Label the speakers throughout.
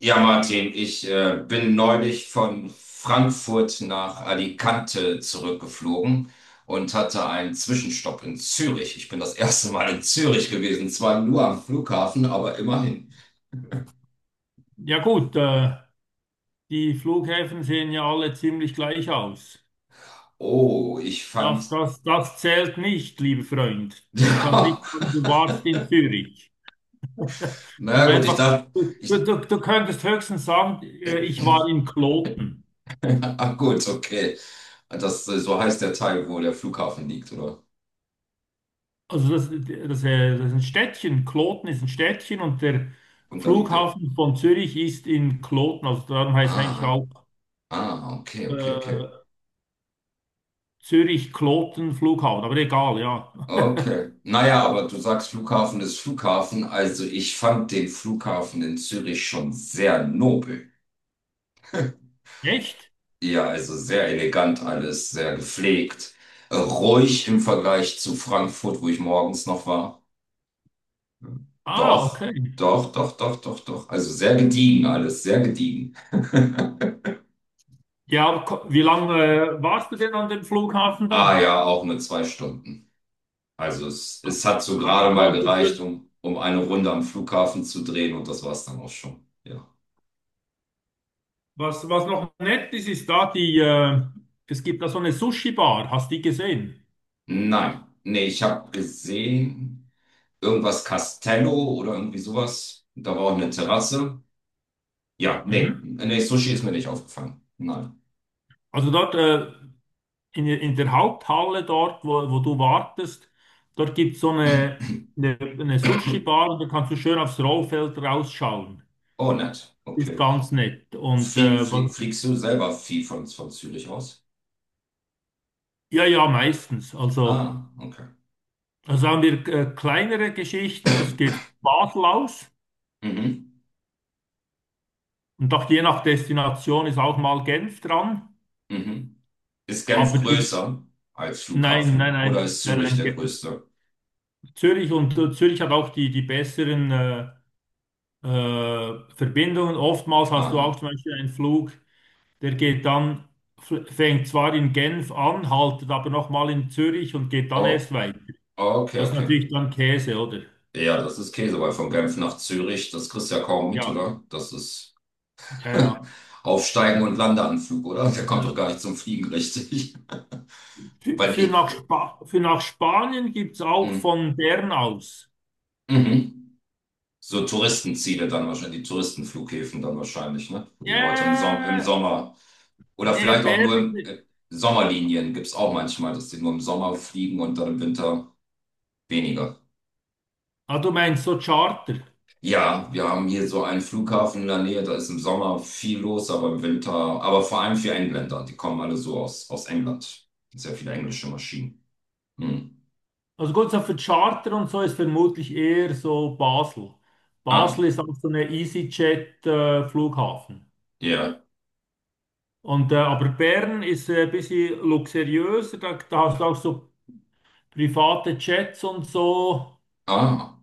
Speaker 1: Ja, Martin, ich bin neulich von Frankfurt nach Alicante zurückgeflogen und hatte einen Zwischenstopp in Zürich. Ich bin das erste Mal in Zürich gewesen, zwar nur am Flughafen, aber immerhin.
Speaker 2: Ja gut, die Flughäfen sehen ja alle ziemlich gleich aus.
Speaker 1: Oh, ich fand.
Speaker 2: Das zählt nicht, lieber Freund. Du kannst nicht sagen, du warst in Zürich. Und
Speaker 1: Na gut, ich
Speaker 2: einfach,
Speaker 1: dachte,
Speaker 2: du,
Speaker 1: ich.
Speaker 2: du, du könntest höchstens sagen, ich war in Kloten.
Speaker 1: Ah, gut, okay. Das, so heißt der Teil, wo der Flughafen liegt, oder?
Speaker 2: Also das ist ein Städtchen. Kloten ist ein Städtchen und der
Speaker 1: Und da liegt der.
Speaker 2: Flughafen von Zürich ist in Kloten. Also darum heißt eigentlich
Speaker 1: Ah,
Speaker 2: auch
Speaker 1: ah, okay, okay, okay.
Speaker 2: äh, Zürich-Kloten-Flughafen. Aber egal, ja.
Speaker 1: Okay. Naja, aber du sagst Flughafen ist Flughafen. Also ich fand den Flughafen in Zürich schon sehr nobel.
Speaker 2: Echt?
Speaker 1: Ja, also sehr elegant alles, sehr gepflegt. Ruhig im Vergleich zu Frankfurt, wo ich morgens noch war.
Speaker 2: Ah,
Speaker 1: Doch,
Speaker 2: okay.
Speaker 1: doch, doch, doch, doch, doch. Also sehr gediegen alles, sehr gediegen.
Speaker 2: Ja, aber wie lange warst du denn an dem Flughafen
Speaker 1: Ah
Speaker 2: da?
Speaker 1: ja, auch nur 2 Stunden. Also es hat so
Speaker 2: Aber
Speaker 1: gerade mal
Speaker 2: konntest
Speaker 1: gereicht,
Speaker 2: du,
Speaker 1: um eine Runde am Flughafen zu drehen und das war's dann auch schon. Ja.
Speaker 2: was noch nett ist, ist da es gibt da so eine Sushi-Bar, hast du die gesehen?
Speaker 1: Nein, nee, ich habe gesehen, irgendwas Castello oder irgendwie sowas. Da war auch eine Terrasse. Ja, nee,
Speaker 2: Mhm.
Speaker 1: nee, Sushi ist mir nicht aufgefallen. Nein.
Speaker 2: Also dort in der Haupthalle dort, wo du wartest, dort gibt es so eine Sushi-Bar und da kannst du schön aufs Rollfeld rausschauen.
Speaker 1: Oh, nett.
Speaker 2: Ist
Speaker 1: Okay.
Speaker 2: ganz nett. Und
Speaker 1: Flieg, flieg, fliegst du selber viel von Zürich aus?
Speaker 2: ja, ja, meistens. Also,
Speaker 1: Ah, okay.
Speaker 2: also haben wir kleinere Geschichten, das geht von Basel aus.
Speaker 1: Mhm,
Speaker 2: Und doch je nach Destination ist auch mal Genf dran.
Speaker 1: mhm. Ist Genf
Speaker 2: Aber die,
Speaker 1: größer als
Speaker 2: nein, nein,
Speaker 1: Flughafen oder
Speaker 2: nein,
Speaker 1: ist
Speaker 2: nein,
Speaker 1: Zürich
Speaker 2: nein.
Speaker 1: der größte?
Speaker 2: Zürich und Zürich hat auch die besseren Verbindungen. Oftmals hast du auch
Speaker 1: Aha.
Speaker 2: zum Beispiel einen Flug, der geht dann, fängt zwar in Genf an, haltet aber nochmal in Zürich und geht dann erst
Speaker 1: Oh,
Speaker 2: weiter.
Speaker 1: okay,
Speaker 2: Das ist
Speaker 1: okay.
Speaker 2: natürlich dann Käse, oder?
Speaker 1: Ja, das ist Käse, weil von Genf nach Zürich, das kriegst du ja kaum mit,
Speaker 2: Ja,
Speaker 1: oder? Das ist.
Speaker 2: ja, ja.
Speaker 1: Aufsteigen und Landeanflug, oder? Der kommt doch gar
Speaker 2: Äh,
Speaker 1: nicht zum Fliegen richtig.
Speaker 2: Für,
Speaker 1: Weil
Speaker 2: für
Speaker 1: ich,
Speaker 2: nach Spa für nach Spanien gibt es auch
Speaker 1: mh,
Speaker 2: von Bern aus.
Speaker 1: mhm. So Touristenziele dann wahrscheinlich, die Touristenflughäfen dann wahrscheinlich, ne? Wo die
Speaker 2: Ja,
Speaker 1: Leute im
Speaker 2: yeah!
Speaker 1: Sommer oder
Speaker 2: Nee,
Speaker 1: vielleicht auch nur
Speaker 2: Bern
Speaker 1: im
Speaker 2: ist.
Speaker 1: Sommerlinien gibt es auch manchmal, dass die nur im Sommer fliegen und dann im Winter weniger.
Speaker 2: Ah, du meinst so Charter.
Speaker 1: Ja, wir haben hier so einen Flughafen in der Nähe, da ist im Sommer viel los, aber im Winter, aber vor allem für Engländer, die kommen alle so aus, England. Sehr viele englische Maschinen. Hm.
Speaker 2: Also gut, so für Charter und so ist vermutlich eher so Basel. Basel
Speaker 1: Ah.
Speaker 2: ist auch so eine EasyJet-Flughafen.
Speaker 1: Ja.
Speaker 2: Und aber Bern ist ein bisschen luxuriöser, da hast du auch so private Jets und so.
Speaker 1: Ah,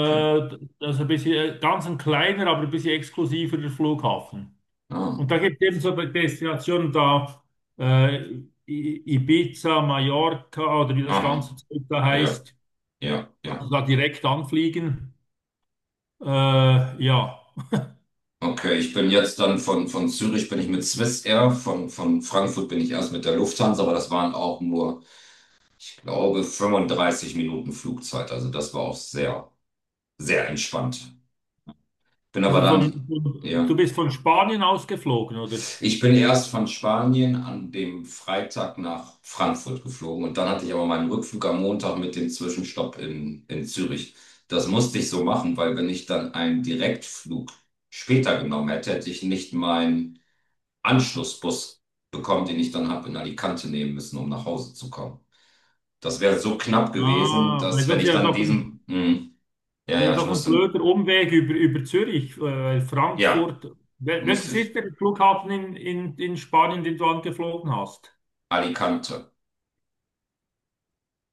Speaker 1: okay.
Speaker 2: das ist ein bisschen ganz ein kleiner, aber ein bisschen exklusiverer Flughafen.
Speaker 1: Ah.
Speaker 2: Und da gibt es eben so Destinationen da, Ibiza, Mallorca oder wie das
Speaker 1: Aha.
Speaker 2: ganze Zeug da
Speaker 1: Ja,
Speaker 2: heißt.
Speaker 1: ja,
Speaker 2: Kannst
Speaker 1: ja.
Speaker 2: du da direkt anfliegen? Ja.
Speaker 1: Okay, ich bin jetzt dann von, Zürich bin ich mit Swiss Air, von Frankfurt bin ich erst mit der Lufthansa, aber das waren auch nur, ich glaube, 35 Minuten Flugzeit. Also das war auch sehr, sehr entspannt. Bin aber
Speaker 2: Also
Speaker 1: dann,
Speaker 2: du
Speaker 1: ja.
Speaker 2: bist von Spanien ausgeflogen, oder?
Speaker 1: Ich bin erst von Spanien an dem Freitag nach Frankfurt geflogen und dann hatte ich aber meinen Rückflug am Montag mit dem Zwischenstopp in Zürich. Das musste ich so machen, weil wenn ich dann einen Direktflug später genommen hätte, hätte ich nicht meinen Anschlussbus bekommen, den ich dann habe in Alicante nehmen müssen, um nach Hause zu kommen. Das wäre so knapp gewesen,
Speaker 2: Ah, weil
Speaker 1: dass wenn ich dann diesen, ja,
Speaker 2: das
Speaker 1: ja,
Speaker 2: ist ja
Speaker 1: ich
Speaker 2: doch ein
Speaker 1: musste,
Speaker 2: blöder Umweg über Zürich, weil
Speaker 1: ja,
Speaker 2: Frankfurt.
Speaker 1: musste
Speaker 2: Welches ist
Speaker 1: ich.
Speaker 2: der Flughafen in, in Spanien, den du angeflogen hast?
Speaker 1: Alicante.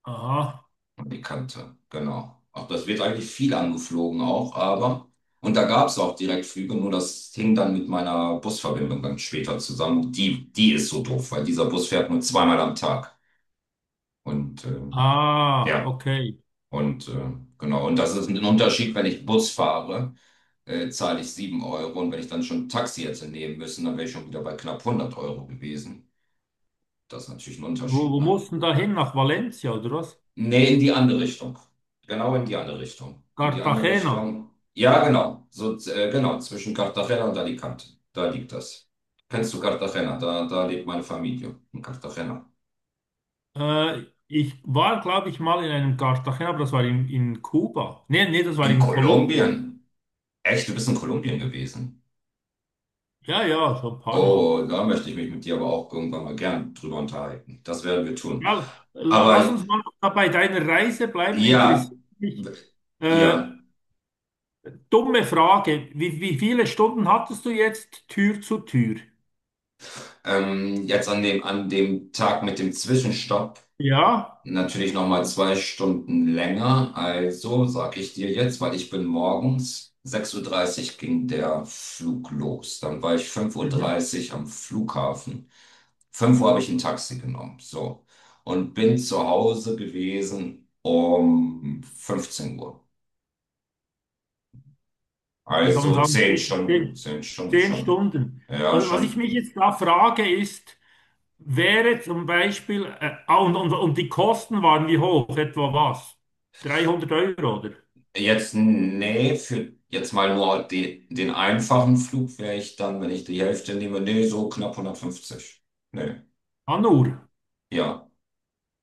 Speaker 2: Aha.
Speaker 1: Die Kante, genau. Auch das wird eigentlich viel angeflogen auch, aber. Und da gab es auch Direktflüge, nur das hing dann mit meiner Busverbindung dann später zusammen. Die ist so doof, weil dieser Bus fährt nur zweimal am Tag. Und
Speaker 2: Ah,
Speaker 1: ja,
Speaker 2: okay.
Speaker 1: und genau. Und das ist ein Unterschied, wenn ich Bus fahre, zahle ich 7 Euro. Und wenn ich dann schon ein Taxi hätte nehmen müssen, dann wäre ich schon wieder bei knapp 100 Euro gewesen. Das ist natürlich ein
Speaker 2: Wo,
Speaker 1: Unterschied,
Speaker 2: wo
Speaker 1: ne?
Speaker 2: mussten da hin? Nach Valencia, oder was?
Speaker 1: Nee, in die andere Richtung. Genau in die andere Richtung. In die andere
Speaker 2: Cartagena.
Speaker 1: Richtung. Ja, genau. So, genau, zwischen Cartagena und Alicante. Da liegt das. Kennst du Cartagena? Da lebt meine Familie. In Cartagena.
Speaker 2: Ich war, glaube ich, mal in einem Cartagena, aber das war in Kuba. Nee, nee, das war
Speaker 1: In
Speaker 2: in Kolumbien.
Speaker 1: Kolumbien? Echt, du bist in Kolumbien gewesen?
Speaker 2: Ja, ja, so ein paar Mal.
Speaker 1: Oh, da möchte ich mich mit dir aber auch irgendwann mal gern drüber unterhalten. Das werden wir tun.
Speaker 2: Ja, lass
Speaker 1: Aber
Speaker 2: uns mal noch bei deiner Reise bleiben.
Speaker 1: ja,
Speaker 2: Interessiert mich.
Speaker 1: w-
Speaker 2: Äh,
Speaker 1: ja,
Speaker 2: dumme Frage. Wie viele Stunden hattest du jetzt Tür zu Tür?
Speaker 1: jetzt an dem, Tag mit dem Zwischenstopp
Speaker 2: Ja,
Speaker 1: natürlich nochmal 2 Stunden länger. Also sage ich dir jetzt, weil ich bin morgens 6:30 Uhr ging der Flug los. Dann war ich fünf Uhr
Speaker 2: mhm.
Speaker 1: dreißig am Flughafen. 5 Uhr habe ich ein Taxi genommen. So. Und bin zu Hause gewesen um 15 Uhr.
Speaker 2: Also kann man
Speaker 1: Also
Speaker 2: sagen,
Speaker 1: 10
Speaker 2: zehn,
Speaker 1: Stunden.
Speaker 2: zehn
Speaker 1: 10 Stunden
Speaker 2: zehn
Speaker 1: schon.
Speaker 2: Stunden.
Speaker 1: Ja,
Speaker 2: Also was ich
Speaker 1: schon
Speaker 2: mich jetzt da frage, ist, wäre zum Beispiel, und die Kosten waren wie hoch? Etwa was? 300 Euro, oder?
Speaker 1: jetzt, nee, für jetzt mal nur den einfachen Flug wäre ich dann, wenn ich die Hälfte nehme, nee, so knapp 150. Nee,
Speaker 2: Ah, nur.
Speaker 1: ja,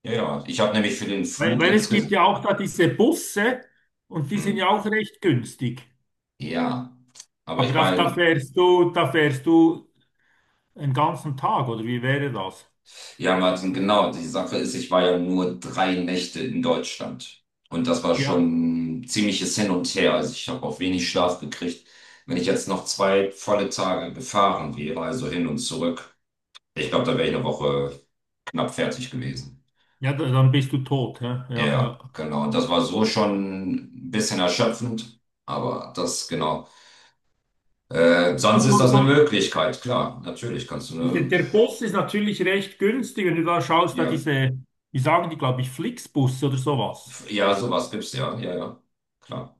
Speaker 1: ja, ja. Ich habe nämlich für den
Speaker 2: Weil,
Speaker 1: Flug
Speaker 2: weil es gibt
Speaker 1: insgesamt,
Speaker 2: ja auch da diese Busse und die sind ja auch recht günstig.
Speaker 1: ja, aber
Speaker 2: Aber
Speaker 1: ich
Speaker 2: da
Speaker 1: war,
Speaker 2: fährst du einen ganzen Tag, oder wie wäre das?
Speaker 1: ja, Martin, genau, die Sache ist, ich war ja nur 3 Nächte in Deutschland. Und das war
Speaker 2: Ja,
Speaker 1: schon ein ziemliches Hin und Her. Also ich habe auch wenig Schlaf gekriegt. Wenn ich jetzt noch 2 volle Tage gefahren wäre, also hin und zurück, ich glaube, da wäre ich eine Woche knapp fertig gewesen.
Speaker 2: ja, dann bist du tot. Ja, ja,
Speaker 1: Ja,
Speaker 2: ja.
Speaker 1: genau. Und das war so schon ein bisschen erschöpfend, aber das, genau.
Speaker 2: Und
Speaker 1: Sonst ist das eine Möglichkeit, klar. Natürlich kannst du
Speaker 2: Der,
Speaker 1: eine,
Speaker 2: der Bus ist natürlich recht günstig, wenn du da schaust,
Speaker 1: ja,
Speaker 2: wie sagen die, glaube ich, Flixbus oder sowas.
Speaker 1: ja, sowas gibt's, ja, ja, ja, klar.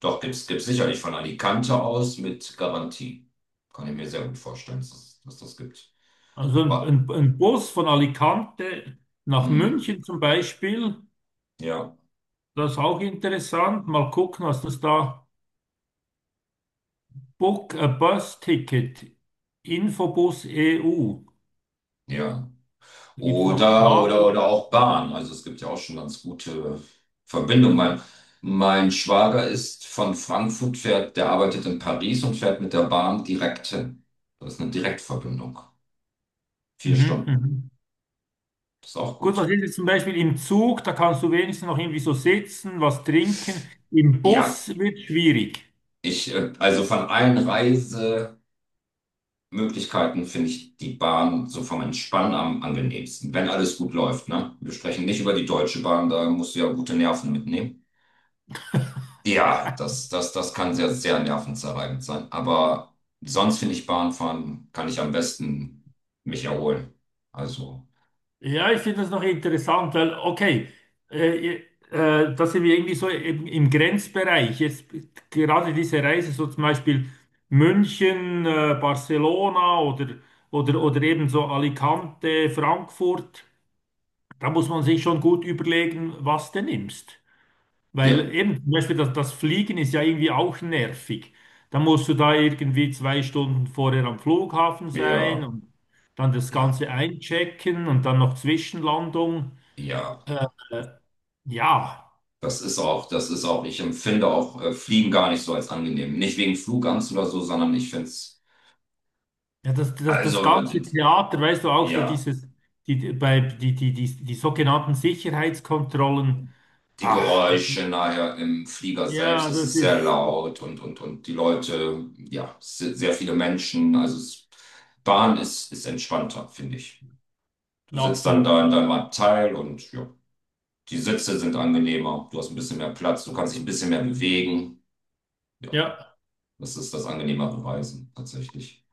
Speaker 1: Doch, gibt's sicherlich von Alicante aus mit Garantie. Kann ich mir sehr gut vorstellen, dass das gibt.
Speaker 2: Also ein,
Speaker 1: Wa-
Speaker 2: ein, ein Bus von Alicante nach
Speaker 1: hm,
Speaker 2: München zum Beispiel,
Speaker 1: ja,
Speaker 2: das ist auch interessant. Mal gucken, was das da. Book a Bus Ticket, Infobus EU.
Speaker 1: ja.
Speaker 2: Da gibt es noch
Speaker 1: Oder,
Speaker 2: bla
Speaker 1: oder,
Speaker 2: bla.
Speaker 1: oder auch Bahn. Also es gibt ja auch schon ganz gute Verbindungen. Mein Schwager ist von Frankfurt, fährt, der arbeitet in Paris und fährt mit der Bahn direkt hin. Das ist eine Direktverbindung. Vier
Speaker 2: Mhm,
Speaker 1: Stunden.
Speaker 2: mhm.
Speaker 1: Das ist auch
Speaker 2: Gut, was
Speaker 1: gut.
Speaker 2: ist jetzt zum Beispiel im Zug? Da kannst du wenigstens noch irgendwie so sitzen, was trinken. Im
Speaker 1: Ja,
Speaker 2: Bus wird schwierig.
Speaker 1: ich, also von allen Reisemöglichkeiten finde ich die Bahn so vom Entspannen am angenehmsten, wenn alles gut läuft, ne? Wir sprechen nicht über die Deutsche Bahn, da musst du ja gute Nerven mitnehmen. Ja, das kann sehr, sehr nervenzerreibend sein. Aber sonst finde ich Bahnfahren kann ich am besten mich erholen. Also,
Speaker 2: Ja, ich finde das noch interessant, weil, okay, äh, da sind wir irgendwie so im Grenzbereich. Jetzt gerade diese Reise, so zum Beispiel München, Barcelona oder eben so Alicante, Frankfurt. Da muss man sich schon gut überlegen, was du nimmst. Weil
Speaker 1: wir,
Speaker 2: eben, zum Beispiel das Fliegen ist ja irgendwie auch nervig. Da musst du da irgendwie 2 Stunden vorher am Flughafen sein
Speaker 1: wir,
Speaker 2: und dann das
Speaker 1: ja,
Speaker 2: Ganze einchecken und dann noch Zwischenlandung.
Speaker 1: ja.
Speaker 2: Äh, äh, ja,
Speaker 1: Ich empfinde auch Fliegen gar nicht so als angenehm. Nicht wegen Flugangst oder so, sondern ich finde es,
Speaker 2: ja das
Speaker 1: also,
Speaker 2: ganze Theater, weißt du auch, so
Speaker 1: ja,
Speaker 2: dieses, bei, die sogenannten Sicherheitskontrollen.
Speaker 1: die
Speaker 2: Ach,
Speaker 1: Geräusche nachher im Flieger selbst,
Speaker 2: ja,
Speaker 1: es
Speaker 2: das
Speaker 1: ist sehr
Speaker 2: ist
Speaker 1: laut und die Leute, ja, sehr viele Menschen. Also, es, Bahn ist entspannter, finde ich. Du sitzt dann
Speaker 2: absolut.
Speaker 1: da in deinem Abteil und ja, die Sitze sind angenehmer, du hast ein bisschen mehr Platz, du kannst dich ein bisschen mehr bewegen. Ja,
Speaker 2: Ja.
Speaker 1: das ist das angenehmere Reisen tatsächlich.